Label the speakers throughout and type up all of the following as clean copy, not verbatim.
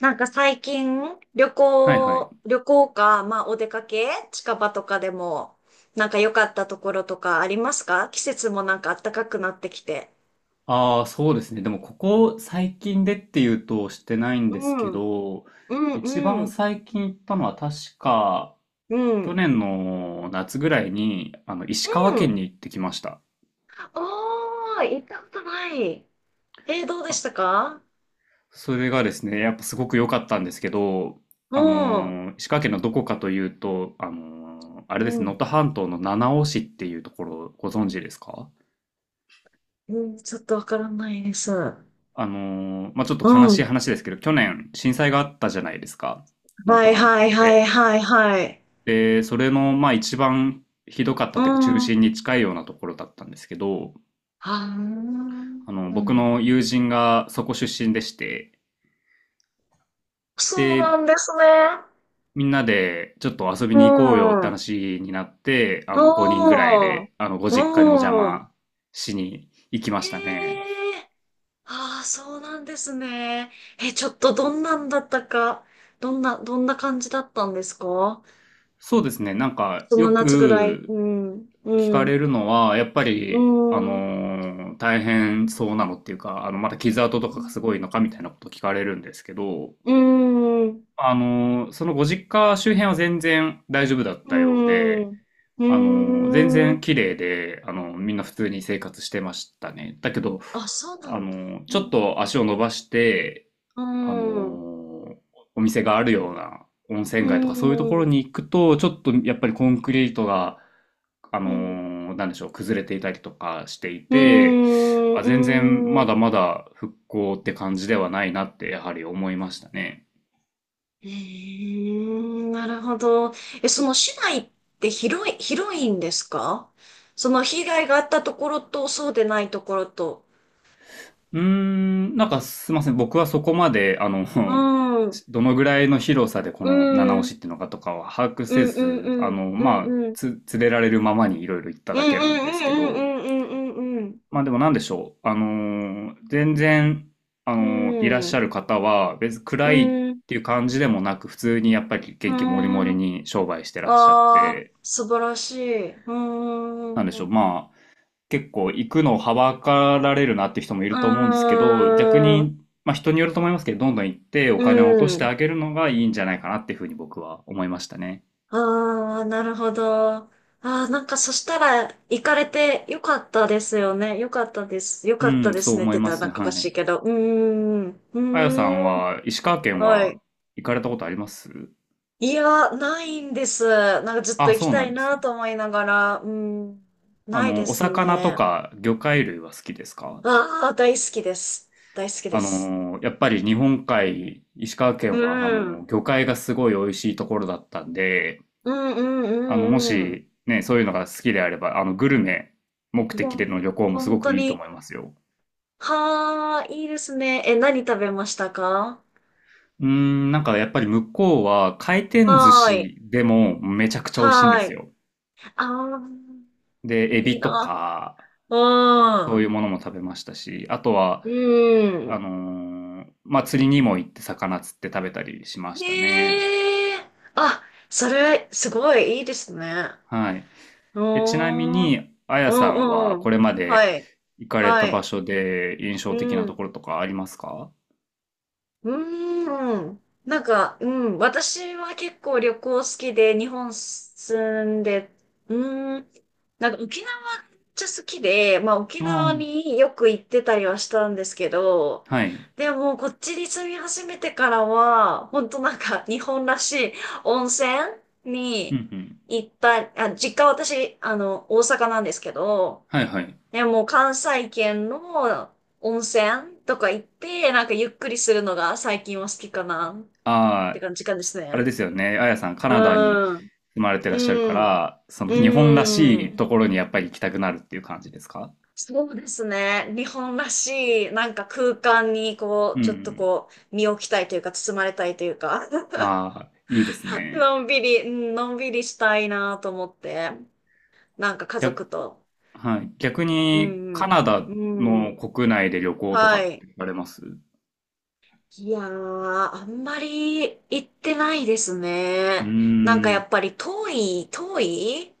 Speaker 1: なんか最近、旅
Speaker 2: はいはい。
Speaker 1: 行、旅行か、まあお出かけ、近場とかでも、なんか良かったところとかありますか？季節もなんか暖かくなってきて。
Speaker 2: ああ、そうですね。でも、ここ最近でっていうとしてないん
Speaker 1: う
Speaker 2: ですけ
Speaker 1: ん、う
Speaker 2: ど、
Speaker 1: ん、
Speaker 2: 一
Speaker 1: う
Speaker 2: 番
Speaker 1: ん、
Speaker 2: 最近行ったのは確か、
Speaker 1: うん、
Speaker 2: 去
Speaker 1: う
Speaker 2: 年の夏ぐらいに、石川県
Speaker 1: ん。
Speaker 2: に行ってきました。
Speaker 1: おー、行ったことない。どうで
Speaker 2: あ
Speaker 1: したか？
Speaker 2: それがですね、やっぱすごく良かったんですけど、
Speaker 1: う
Speaker 2: あの
Speaker 1: ん、
Speaker 2: 石川県のどこかというと、あれ
Speaker 1: う
Speaker 2: ですね、能
Speaker 1: ん、
Speaker 2: 登半島の七尾市っていうところ、ご存知ですか？
Speaker 1: うん、ちょっとわからないです。う
Speaker 2: まあ、ちょっと悲し
Speaker 1: ん。
Speaker 2: い話ですけど、去年震災があったじゃないですか。能
Speaker 1: は
Speaker 2: 登
Speaker 1: い
Speaker 2: 半
Speaker 1: はい
Speaker 2: 島
Speaker 1: はい
Speaker 2: で。
Speaker 1: はいはい。
Speaker 2: で、それの、まあ一番ひどかっ
Speaker 1: う
Speaker 2: たっていうか中
Speaker 1: ん。は
Speaker 2: 心に近いようなところだったんですけど、
Speaker 1: ー
Speaker 2: 僕
Speaker 1: ん。
Speaker 2: の友人がそこ出身でして、
Speaker 1: そうな
Speaker 2: で、
Speaker 1: んですね。
Speaker 2: みんなでちょっと遊び
Speaker 1: う
Speaker 2: に行こうよって
Speaker 1: ん。
Speaker 2: 話になって、5人ぐらい
Speaker 1: ああ、
Speaker 2: で、ご実家にお邪
Speaker 1: うん。
Speaker 2: 魔しに行きま
Speaker 1: え
Speaker 2: したね。
Speaker 1: え、ああ、そうなんですね。え、ちょっとどんなんだったか、どんな感じだったんですか？
Speaker 2: そうですね、なんか
Speaker 1: そ
Speaker 2: よ
Speaker 1: の夏ぐらい。
Speaker 2: く
Speaker 1: うん、
Speaker 2: 聞
Speaker 1: う
Speaker 2: かれ
Speaker 1: ん、
Speaker 2: るのは、やっぱ
Speaker 1: う
Speaker 2: り、
Speaker 1: ん、うん、
Speaker 2: 大変そうなのっていうか、まだ傷跡とかがすごいのかみたいなこと聞かれるんですけど、
Speaker 1: うん、
Speaker 2: そのご実家周辺は全然大丈夫だっ
Speaker 1: う
Speaker 2: たようで、
Speaker 1: ん、う
Speaker 2: 全然
Speaker 1: ん。
Speaker 2: 綺麗で、みんな普通に生活してましたね。だけど、
Speaker 1: あ、そうなんだ。う
Speaker 2: ちょっ
Speaker 1: ん、
Speaker 2: と足を伸ばして、
Speaker 1: う
Speaker 2: あ
Speaker 1: ん、
Speaker 2: の、お店があるような温
Speaker 1: う
Speaker 2: 泉街とかそういうところ
Speaker 1: ん、
Speaker 2: に行くと、ちょっとやっぱりコンクリートが、
Speaker 1: うん、
Speaker 2: なんでしょう、崩れていたりとかしてい
Speaker 1: う
Speaker 2: て、
Speaker 1: ん、う
Speaker 2: 全然
Speaker 1: ん、
Speaker 2: ま
Speaker 1: うん、
Speaker 2: だまだ復興って感じではないなってやはり思いましたね。
Speaker 1: うん、なるほど。え、その市内って広いんですか？その被害があったところと、そうでないところと。
Speaker 2: うーん、なんかすいません。僕はそこまで、
Speaker 1: う ん、うん、
Speaker 2: どのぐらいの広さでこ
Speaker 1: う
Speaker 2: の七
Speaker 1: ん、
Speaker 2: 押しっていうのかとかは把握
Speaker 1: う
Speaker 2: せ
Speaker 1: ん、う
Speaker 2: ず、
Speaker 1: ん、うん、
Speaker 2: まあ、
Speaker 1: うん、
Speaker 2: 連れられるままにいろいろ行った
Speaker 1: うん、
Speaker 2: だ
Speaker 1: うん、
Speaker 2: けなん
Speaker 1: う
Speaker 2: ですけ
Speaker 1: ん、
Speaker 2: ど、
Speaker 1: うん、うん、
Speaker 2: まあでもなんでしょう。全然、
Speaker 1: う
Speaker 2: いらっ
Speaker 1: ん、う
Speaker 2: し
Speaker 1: ん、
Speaker 2: ゃる方は別に
Speaker 1: う
Speaker 2: 暗い
Speaker 1: ん、うん、
Speaker 2: っていう感じでもなく、普通にやっぱり元気もりもりに商売してらっしゃっ
Speaker 1: あー、
Speaker 2: て、
Speaker 1: 素晴らしい。うー
Speaker 2: なん
Speaker 1: ん、
Speaker 2: でしょう。
Speaker 1: う
Speaker 2: まあ、結構行くのをはばかられるなって人もいると思うんですけど、逆
Speaker 1: ーん、
Speaker 2: に、まあ人によると思いますけど、どんどん行ってお
Speaker 1: う
Speaker 2: 金を落として
Speaker 1: ん。
Speaker 2: あげるのがいいんじゃないかなっていうふうに僕は思いましたね。
Speaker 1: ああ、なるほど。ああ、なんかそしたら行かれてよかったですよね。よかったです。よ
Speaker 2: う
Speaker 1: かった
Speaker 2: ん、
Speaker 1: で
Speaker 2: そ
Speaker 1: す
Speaker 2: う
Speaker 1: ねって
Speaker 2: 思い
Speaker 1: 言っ
Speaker 2: ま
Speaker 1: たらな
Speaker 2: す。
Speaker 1: んかお
Speaker 2: は
Speaker 1: かしい
Speaker 2: い。
Speaker 1: けど。うーん。う
Speaker 2: あやさん
Speaker 1: ーん。
Speaker 2: は、石川県
Speaker 1: は
Speaker 2: は
Speaker 1: い。
Speaker 2: 行かれたことあります？
Speaker 1: いや、ないんです。なんかずっと
Speaker 2: あ、
Speaker 1: 行き
Speaker 2: そう
Speaker 1: た
Speaker 2: なん
Speaker 1: い
Speaker 2: です
Speaker 1: な
Speaker 2: ね。
Speaker 1: と思いながら。うーん。ないで
Speaker 2: お
Speaker 1: す
Speaker 2: 魚と
Speaker 1: ね。
Speaker 2: か魚介類は好きですか？
Speaker 1: ああ、大好きです。大好きです。
Speaker 2: やっぱり日本海、石川
Speaker 1: う
Speaker 2: 県は、
Speaker 1: ん。うん
Speaker 2: 魚介がすごい美味しいところだったんで、
Speaker 1: うんう
Speaker 2: も
Speaker 1: んうん。
Speaker 2: し、ね、そういうのが好きであれば、グルメ目
Speaker 1: いや、
Speaker 2: 的での旅行もす
Speaker 1: 本
Speaker 2: ご
Speaker 1: 当
Speaker 2: くいいと
Speaker 1: に。
Speaker 2: 思いますよ。
Speaker 1: はあ、いいですね。え、何食べましたか？
Speaker 2: うーん、なんかやっぱり向こうは回転寿
Speaker 1: はーい。
Speaker 2: 司でもめちゃくちゃ美味しいんで
Speaker 1: は
Speaker 2: す
Speaker 1: い。
Speaker 2: よ。
Speaker 1: ああ、
Speaker 2: で、エ
Speaker 1: いい
Speaker 2: ビと
Speaker 1: な。
Speaker 2: か、
Speaker 1: う
Speaker 2: そういう
Speaker 1: ん。
Speaker 2: ものも食べましたし、あとは、
Speaker 1: う
Speaker 2: あ
Speaker 1: ん。
Speaker 2: のまあ、釣りにも行って魚釣って食べたりしましたね。
Speaker 1: ねえ。あ、それ、すごいいいですね。
Speaker 2: はい。
Speaker 1: うー
Speaker 2: え、ちなみ
Speaker 1: ん。う
Speaker 2: に、あやさん
Speaker 1: ん
Speaker 2: は
Speaker 1: う
Speaker 2: こ
Speaker 1: ん。
Speaker 2: れまで
Speaker 1: はい。
Speaker 2: 行かれ
Speaker 1: は
Speaker 2: た場
Speaker 1: い。
Speaker 2: 所で印象的
Speaker 1: う
Speaker 2: なと
Speaker 1: ん。
Speaker 2: ころとかありますか？
Speaker 1: うーん。なんか、うん。私は結構旅行好きで、日本住んで、うーん。なんか沖縄ちゃ好きで、まあ沖
Speaker 2: ああ
Speaker 1: 縄
Speaker 2: ー。
Speaker 1: によく行ってたりはしたんですけど、
Speaker 2: はい。
Speaker 1: でもこっちに住み始めてからは、本当なんか日本らしい温泉
Speaker 2: うんう
Speaker 1: に
Speaker 2: ん。
Speaker 1: 行ったり、あ、実家私、大阪なんですけど、
Speaker 2: はいはい。
Speaker 1: でもう関西圏の温泉とか行って、なんかゆっくりするのが最近は好きかなって
Speaker 2: ああ、
Speaker 1: 感じかです
Speaker 2: あれで
Speaker 1: ね。
Speaker 2: すよね。あやさん、カ
Speaker 1: う
Speaker 2: ナダに
Speaker 1: ん。
Speaker 2: 住まれてらっしゃるか
Speaker 1: うん。
Speaker 2: ら、その日本ら
Speaker 1: う
Speaker 2: しい
Speaker 1: ん。
Speaker 2: ところにやっぱり行きたくなるっていう感じですか？
Speaker 1: そうですね。日本らしい、なんか空間にこ
Speaker 2: う
Speaker 1: う、ちょっと
Speaker 2: ん。
Speaker 1: こう、身を置きたいというか、包まれたいというか、
Speaker 2: ああ、いいですね。
Speaker 1: のんびり、うんのんびりしたいなと思って、なんか家
Speaker 2: 逆、
Speaker 1: 族と。
Speaker 2: はい。逆
Speaker 1: う
Speaker 2: に、
Speaker 1: ん
Speaker 2: カナ
Speaker 1: う
Speaker 2: ダ
Speaker 1: ん。う
Speaker 2: の
Speaker 1: ん。
Speaker 2: 国内で旅行とか
Speaker 1: は
Speaker 2: っ
Speaker 1: い。
Speaker 2: て行かれます？う
Speaker 1: いやー、あんまり行ってないです
Speaker 2: ー
Speaker 1: ね。なんかやっ
Speaker 2: ん。
Speaker 1: ぱり遠い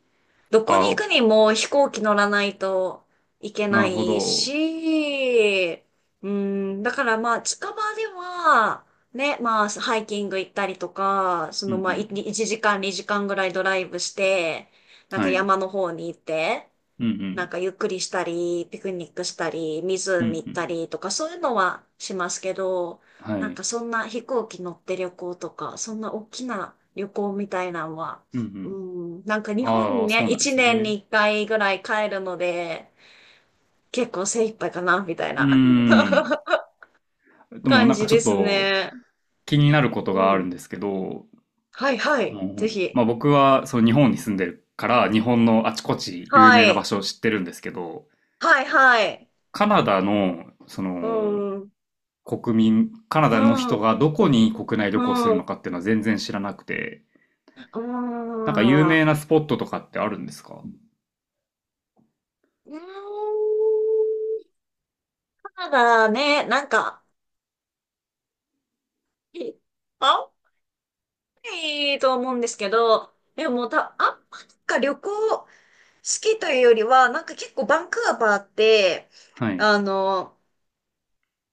Speaker 1: どこに行
Speaker 2: あ、
Speaker 1: くにも飛行機乗らないといけ
Speaker 2: な
Speaker 1: な
Speaker 2: るほ
Speaker 1: い
Speaker 2: ど。
Speaker 1: し、うん、だからまあ近場では、ね、まあハイキング行ったりとか、そ
Speaker 2: うん
Speaker 1: の
Speaker 2: う
Speaker 1: まあ
Speaker 2: ん。
Speaker 1: 1時間2時間ぐらいドライブして、なんか
Speaker 2: はい。
Speaker 1: 山の方に行って、
Speaker 2: うんう
Speaker 1: なん
Speaker 2: ん。
Speaker 1: かゆっくりしたり、ピクニックしたり、
Speaker 2: うんう
Speaker 1: 湖行った
Speaker 2: ん。
Speaker 1: りとか、そういうのはしますけど、
Speaker 2: は
Speaker 1: なん
Speaker 2: い。
Speaker 1: かそんな飛行機乗って旅行とか、そんな大きな旅行みたいなのは、
Speaker 2: うんう
Speaker 1: う
Speaker 2: ん。
Speaker 1: ん、なんか日
Speaker 2: あ
Speaker 1: 本
Speaker 2: あ、そう
Speaker 1: に
Speaker 2: なんで
Speaker 1: 1
Speaker 2: す
Speaker 1: 年に
Speaker 2: ね。
Speaker 1: 1回ぐらい帰るので、結構精一杯かな、みたい
Speaker 2: うー
Speaker 1: な
Speaker 2: ん。でも
Speaker 1: 感
Speaker 2: なんか
Speaker 1: じ
Speaker 2: ちょ
Speaker 1: で
Speaker 2: っ
Speaker 1: す
Speaker 2: と、
Speaker 1: ね。
Speaker 2: 気になる
Speaker 1: う
Speaker 2: ことがある
Speaker 1: ん。
Speaker 2: んですけど、
Speaker 1: はいはい。ぜひ。
Speaker 2: まあ、僕はその日本に住んでるから日本のあちこち有
Speaker 1: は
Speaker 2: 名な場
Speaker 1: い。
Speaker 2: 所を知ってるんですけど、
Speaker 1: はいはい。
Speaker 2: カナダのそ
Speaker 1: う
Speaker 2: の
Speaker 1: ん。
Speaker 2: カナ
Speaker 1: う
Speaker 2: ダの人
Speaker 1: ん。う
Speaker 2: がどこに国内旅行する
Speaker 1: ん。
Speaker 2: のかっていうのは全然知らなくて、
Speaker 1: う
Speaker 2: なんか有
Speaker 1: ん。
Speaker 2: 名なスポットとかってあるんですか？
Speaker 1: うーん、ただね、なんか、あんまりと思うんですけど、でもた、あんまりか旅行好きというよりは、なんか結構バンクーバーって、
Speaker 2: はい。
Speaker 1: あの、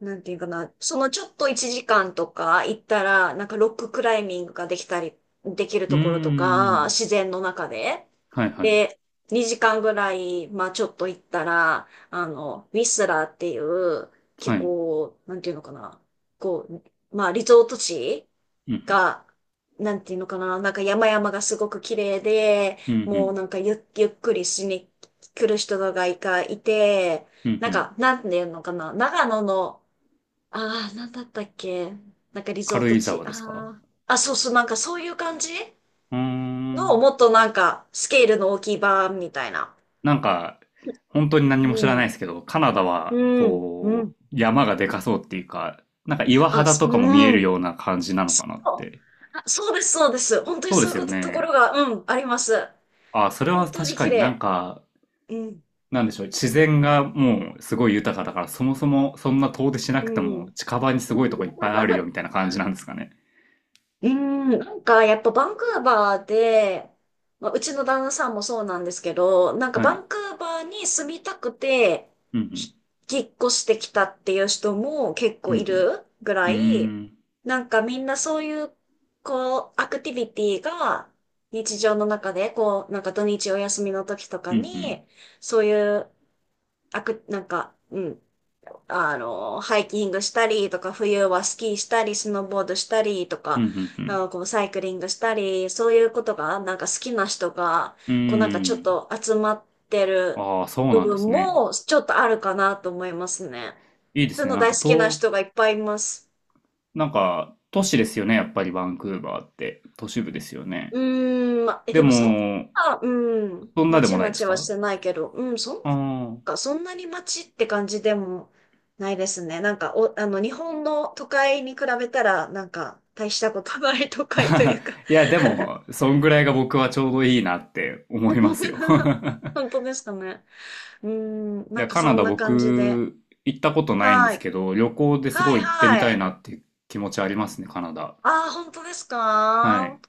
Speaker 1: なんていうかな、そのちょっと1時間とか行ったら、なんかロッククライミングができたり、できる
Speaker 2: うー
Speaker 1: ところとか、
Speaker 2: ん。
Speaker 1: 自然の中で。
Speaker 2: はいはい。
Speaker 1: で、2時間ぐらい、まあちょっと行ったら、ウィスラーっていう、
Speaker 2: は
Speaker 1: 結
Speaker 2: い。
Speaker 1: 構、なんていうのかな、こう、まあリゾート地
Speaker 2: うん
Speaker 1: が、なんていうのかな、なんか山々がすごく綺麗で、
Speaker 2: うん。うんう
Speaker 1: もう
Speaker 2: ん。
Speaker 1: なんかゆっくりしに来る人がいて、
Speaker 2: うんう
Speaker 1: なん
Speaker 2: ん。
Speaker 1: か、なんていうのかな、長野の、ああ、なんだったっけ？なんかリゾー
Speaker 2: 軽
Speaker 1: ト
Speaker 2: 井
Speaker 1: 地。
Speaker 2: 沢ですか？
Speaker 1: ああ。あ、そうそう、なんかそういう感じ
Speaker 2: うー
Speaker 1: の、
Speaker 2: ん。
Speaker 1: もっとなんか、スケールの大きい版みたいな。
Speaker 2: なんか、本当に何も
Speaker 1: う
Speaker 2: 知らな
Speaker 1: ん、
Speaker 2: いですけど、カナダは、
Speaker 1: うん、うん。
Speaker 2: こう、山がでかそうっていうか、なんか岩
Speaker 1: あ、
Speaker 2: 肌
Speaker 1: す
Speaker 2: とかも見え
Speaker 1: う
Speaker 2: る
Speaker 1: ん。
Speaker 2: ような感じなの
Speaker 1: そ
Speaker 2: かなっ
Speaker 1: う、
Speaker 2: て。
Speaker 1: あそうです、そうです。本当に
Speaker 2: そう
Speaker 1: そ
Speaker 2: で
Speaker 1: ういう
Speaker 2: す
Speaker 1: こ
Speaker 2: よ
Speaker 1: と、ところ
Speaker 2: ね。
Speaker 1: が、うん、あります。
Speaker 2: あ、それは
Speaker 1: 本当
Speaker 2: 確
Speaker 1: に
Speaker 2: か
Speaker 1: 綺
Speaker 2: になん
Speaker 1: 麗。
Speaker 2: か、
Speaker 1: うん。
Speaker 2: なんでしょう、自然がもうす
Speaker 1: うん。
Speaker 2: ごい豊かだから、そもそもそんな遠出しな
Speaker 1: う
Speaker 2: くても
Speaker 1: ん
Speaker 2: 近場にすごい とこいっぱいあるよみたいな感じなんですかね。
Speaker 1: うん、なんかやっぱバンクーバーで、まあ、うちの旦那さんもそうなんですけど、なんか
Speaker 2: は
Speaker 1: バ
Speaker 2: い。
Speaker 1: ンクーバーに住みたくて、
Speaker 2: うんうん。
Speaker 1: ひ引っ越してきたっていう人も結
Speaker 2: う
Speaker 1: 構
Speaker 2: んう
Speaker 1: い
Speaker 2: ん。
Speaker 1: るぐ
Speaker 2: う
Speaker 1: ら
Speaker 2: ー
Speaker 1: い、
Speaker 2: ん。
Speaker 1: なんかみんなそういう、こう、アクティビティが日常の中で、こう、なんか土日お休みの時とか
Speaker 2: うんう
Speaker 1: に、
Speaker 2: ん。
Speaker 1: そういう、アク、なんか、うん、ハイキングしたりとか、冬はスキーしたり、スノーボードしたりと
Speaker 2: う
Speaker 1: か、
Speaker 2: んう
Speaker 1: あ
Speaker 2: ん
Speaker 1: のこうサイクリングしたり、そういうことが、なんか好きな人が、
Speaker 2: うん。う
Speaker 1: こうなんかちょっ
Speaker 2: ーん。
Speaker 1: と集まってる
Speaker 2: ああ、そう
Speaker 1: 部
Speaker 2: なんで
Speaker 1: 分
Speaker 2: すね。
Speaker 1: も、ちょっとあるかなと思いますね。
Speaker 2: いいで
Speaker 1: そう
Speaker 2: す
Speaker 1: いう
Speaker 2: ね。
Speaker 1: の
Speaker 2: なん
Speaker 1: 大好
Speaker 2: か
Speaker 1: きな
Speaker 2: 東
Speaker 1: 人がいっぱいいます。
Speaker 2: なんか、都市ですよね、やっぱりバンクーバーって。都市部ですよ
Speaker 1: う
Speaker 2: ね。
Speaker 1: ま、え、
Speaker 2: で
Speaker 1: でもそん
Speaker 2: も、
Speaker 1: な、うん、
Speaker 2: そん
Speaker 1: ま
Speaker 2: なで
Speaker 1: ち
Speaker 2: もな
Speaker 1: ま
Speaker 2: いで
Speaker 1: ち
Speaker 2: す
Speaker 1: はし
Speaker 2: か？
Speaker 1: てないけど、うん、そんな、
Speaker 2: ああー。
Speaker 1: か、そんなにまちって感じでもないですね。なんか、お、日本の都会に比べたら、なんか、大したことない都会とい うか
Speaker 2: いや、でも、そんぐらいが僕はちょうどいいなって思いますよ。
Speaker 1: 本当ですかね。うーん、
Speaker 2: い
Speaker 1: なん
Speaker 2: や、
Speaker 1: か
Speaker 2: カナ
Speaker 1: そん
Speaker 2: ダ
Speaker 1: な感じで。
Speaker 2: 僕、行ったことないんで
Speaker 1: は
Speaker 2: す
Speaker 1: い。
Speaker 2: けど、旅行です
Speaker 1: は
Speaker 2: ごい行って
Speaker 1: い
Speaker 2: みた
Speaker 1: は
Speaker 2: い
Speaker 1: い。
Speaker 2: なっていう気持ちありますね、カナダ。
Speaker 1: ああ、本当です
Speaker 2: は
Speaker 1: か？
Speaker 2: い。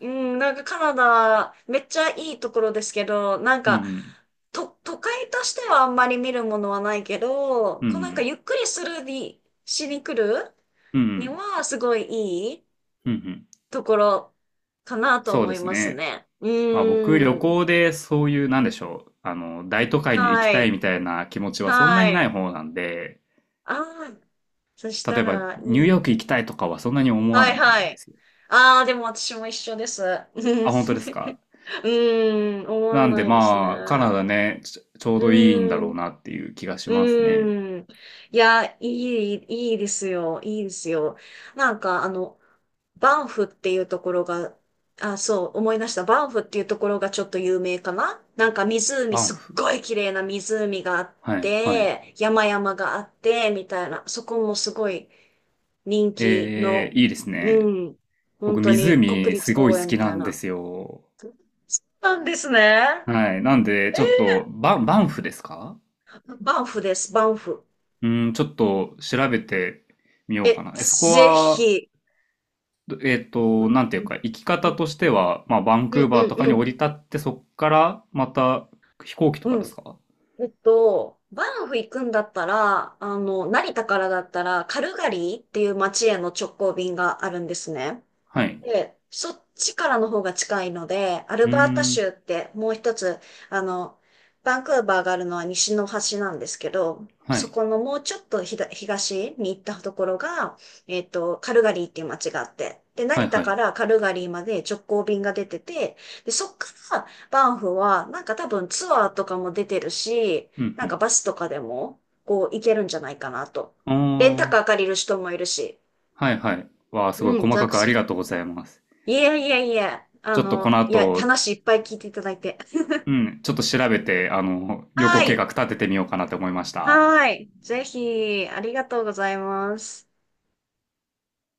Speaker 1: うん、なんかカナダ、めっちゃいいところですけど、なん
Speaker 2: う
Speaker 1: か、
Speaker 2: ん、
Speaker 1: と、都会としてはあんまり見るものはないけど、
Speaker 2: うん、う
Speaker 1: こうなんか
Speaker 2: ん、
Speaker 1: ゆっくりするに、しに来る
Speaker 2: うん、う
Speaker 1: に
Speaker 2: ん、
Speaker 1: はすごいいい
Speaker 2: うん、うん。
Speaker 1: ところかなと
Speaker 2: そう
Speaker 1: 思
Speaker 2: で
Speaker 1: い
Speaker 2: す
Speaker 1: ます
Speaker 2: ね。
Speaker 1: ね。う
Speaker 2: まあ僕、旅
Speaker 1: ーん。
Speaker 2: 行でそういう、なんでしょう、大都会に行き
Speaker 1: は
Speaker 2: たい
Speaker 1: い。
Speaker 2: みたいな気持ちはそんな
Speaker 1: は
Speaker 2: にない
Speaker 1: い。
Speaker 2: 方なんで、
Speaker 1: ああ、そした
Speaker 2: 例えば、
Speaker 1: らい
Speaker 2: ニュー
Speaker 1: い。
Speaker 2: ヨーク行きたいとかはそんなに思わ
Speaker 1: は
Speaker 2: な
Speaker 1: い
Speaker 2: い
Speaker 1: は
Speaker 2: んで
Speaker 1: い。
Speaker 2: すよ。
Speaker 1: ああ、でも私も一緒です。うん、
Speaker 2: あ、本当ですか。
Speaker 1: うん思わ
Speaker 2: なんで
Speaker 1: ないですね。
Speaker 2: まあ、カナダね、ちょうどいいんだ
Speaker 1: う
Speaker 2: ろ
Speaker 1: ん、
Speaker 2: うなっていう気がしますね。
Speaker 1: うん。いや、いいですよ、いいですよ。なんか、バンフっていうところが、あ、そう、思い出した。バンフっていうところがちょっと有名かな？なんか湖、
Speaker 2: バン
Speaker 1: すっ
Speaker 2: フ。
Speaker 1: ごい綺麗な湖があっ
Speaker 2: はい、はい。
Speaker 1: て、山々があって、みたいな。そこもすごい人気の、
Speaker 2: いいです
Speaker 1: う
Speaker 2: ね。
Speaker 1: ん、
Speaker 2: 僕、
Speaker 1: 本当に
Speaker 2: 湖
Speaker 1: 国立
Speaker 2: すごい
Speaker 1: 公
Speaker 2: 好
Speaker 1: 園み
Speaker 2: きな
Speaker 1: たい
Speaker 2: んで
Speaker 1: な。
Speaker 2: すよ。
Speaker 1: そうなんですね。
Speaker 2: はい。なんで、ちょっと、バンフですか？
Speaker 1: バンフです、バンフ。
Speaker 2: うん、ちょっと調べてみようか
Speaker 1: え、
Speaker 2: な。え、そこ
Speaker 1: ぜ
Speaker 2: は、
Speaker 1: ひ。うん
Speaker 2: なんていうか、行き方としては、まあ、バン
Speaker 1: う
Speaker 2: ク
Speaker 1: ん
Speaker 2: ー
Speaker 1: う
Speaker 2: バー
Speaker 1: ん
Speaker 2: とか
Speaker 1: う
Speaker 2: に
Speaker 1: ん
Speaker 2: 降り立って、そっからまた飛行機とか
Speaker 1: う
Speaker 2: です
Speaker 1: ん。
Speaker 2: か？
Speaker 1: えっと、バンフ行くんだったら、成田からだったら、カルガリーっていう街への直行便があるんですね。
Speaker 2: はい。
Speaker 1: で、そっちからの方が近いので、アル
Speaker 2: うー
Speaker 1: バータ
Speaker 2: ん。
Speaker 1: 州ってもう一つ、あの、バンクーバーがあるのは西の端なんですけど、
Speaker 2: は
Speaker 1: そ
Speaker 2: い。
Speaker 1: このもうちょっとひだ東に行ったところが、えっと、カルガリーっていう街があって、で、
Speaker 2: は
Speaker 1: 成
Speaker 2: い
Speaker 1: 田
Speaker 2: はい。
Speaker 1: からカルガリーまで直行便が出てて、で、そっからバンフは、なんか多分ツアーとかも出てるし、
Speaker 2: う
Speaker 1: なんか
Speaker 2: ん
Speaker 1: バスとかでも、こう行けるんじゃないかなと。
Speaker 2: う
Speaker 1: レンタ
Speaker 2: ん。あ
Speaker 1: カー借りる人もいるし、
Speaker 2: あ、はいはい。わあ、すごい
Speaker 1: うん、
Speaker 2: 細
Speaker 1: ザ
Speaker 2: かくありがとうございます。
Speaker 1: いやいやいや、
Speaker 2: ちょっとこの
Speaker 1: いや、
Speaker 2: 後、
Speaker 1: 話いっぱい聞いていただいて。
Speaker 2: うん、ちょっと調べて、旅行
Speaker 1: は
Speaker 2: 計
Speaker 1: い。
Speaker 2: 画立ててみようかなって思いました。
Speaker 1: はい。ぜひ、ありがとうございます。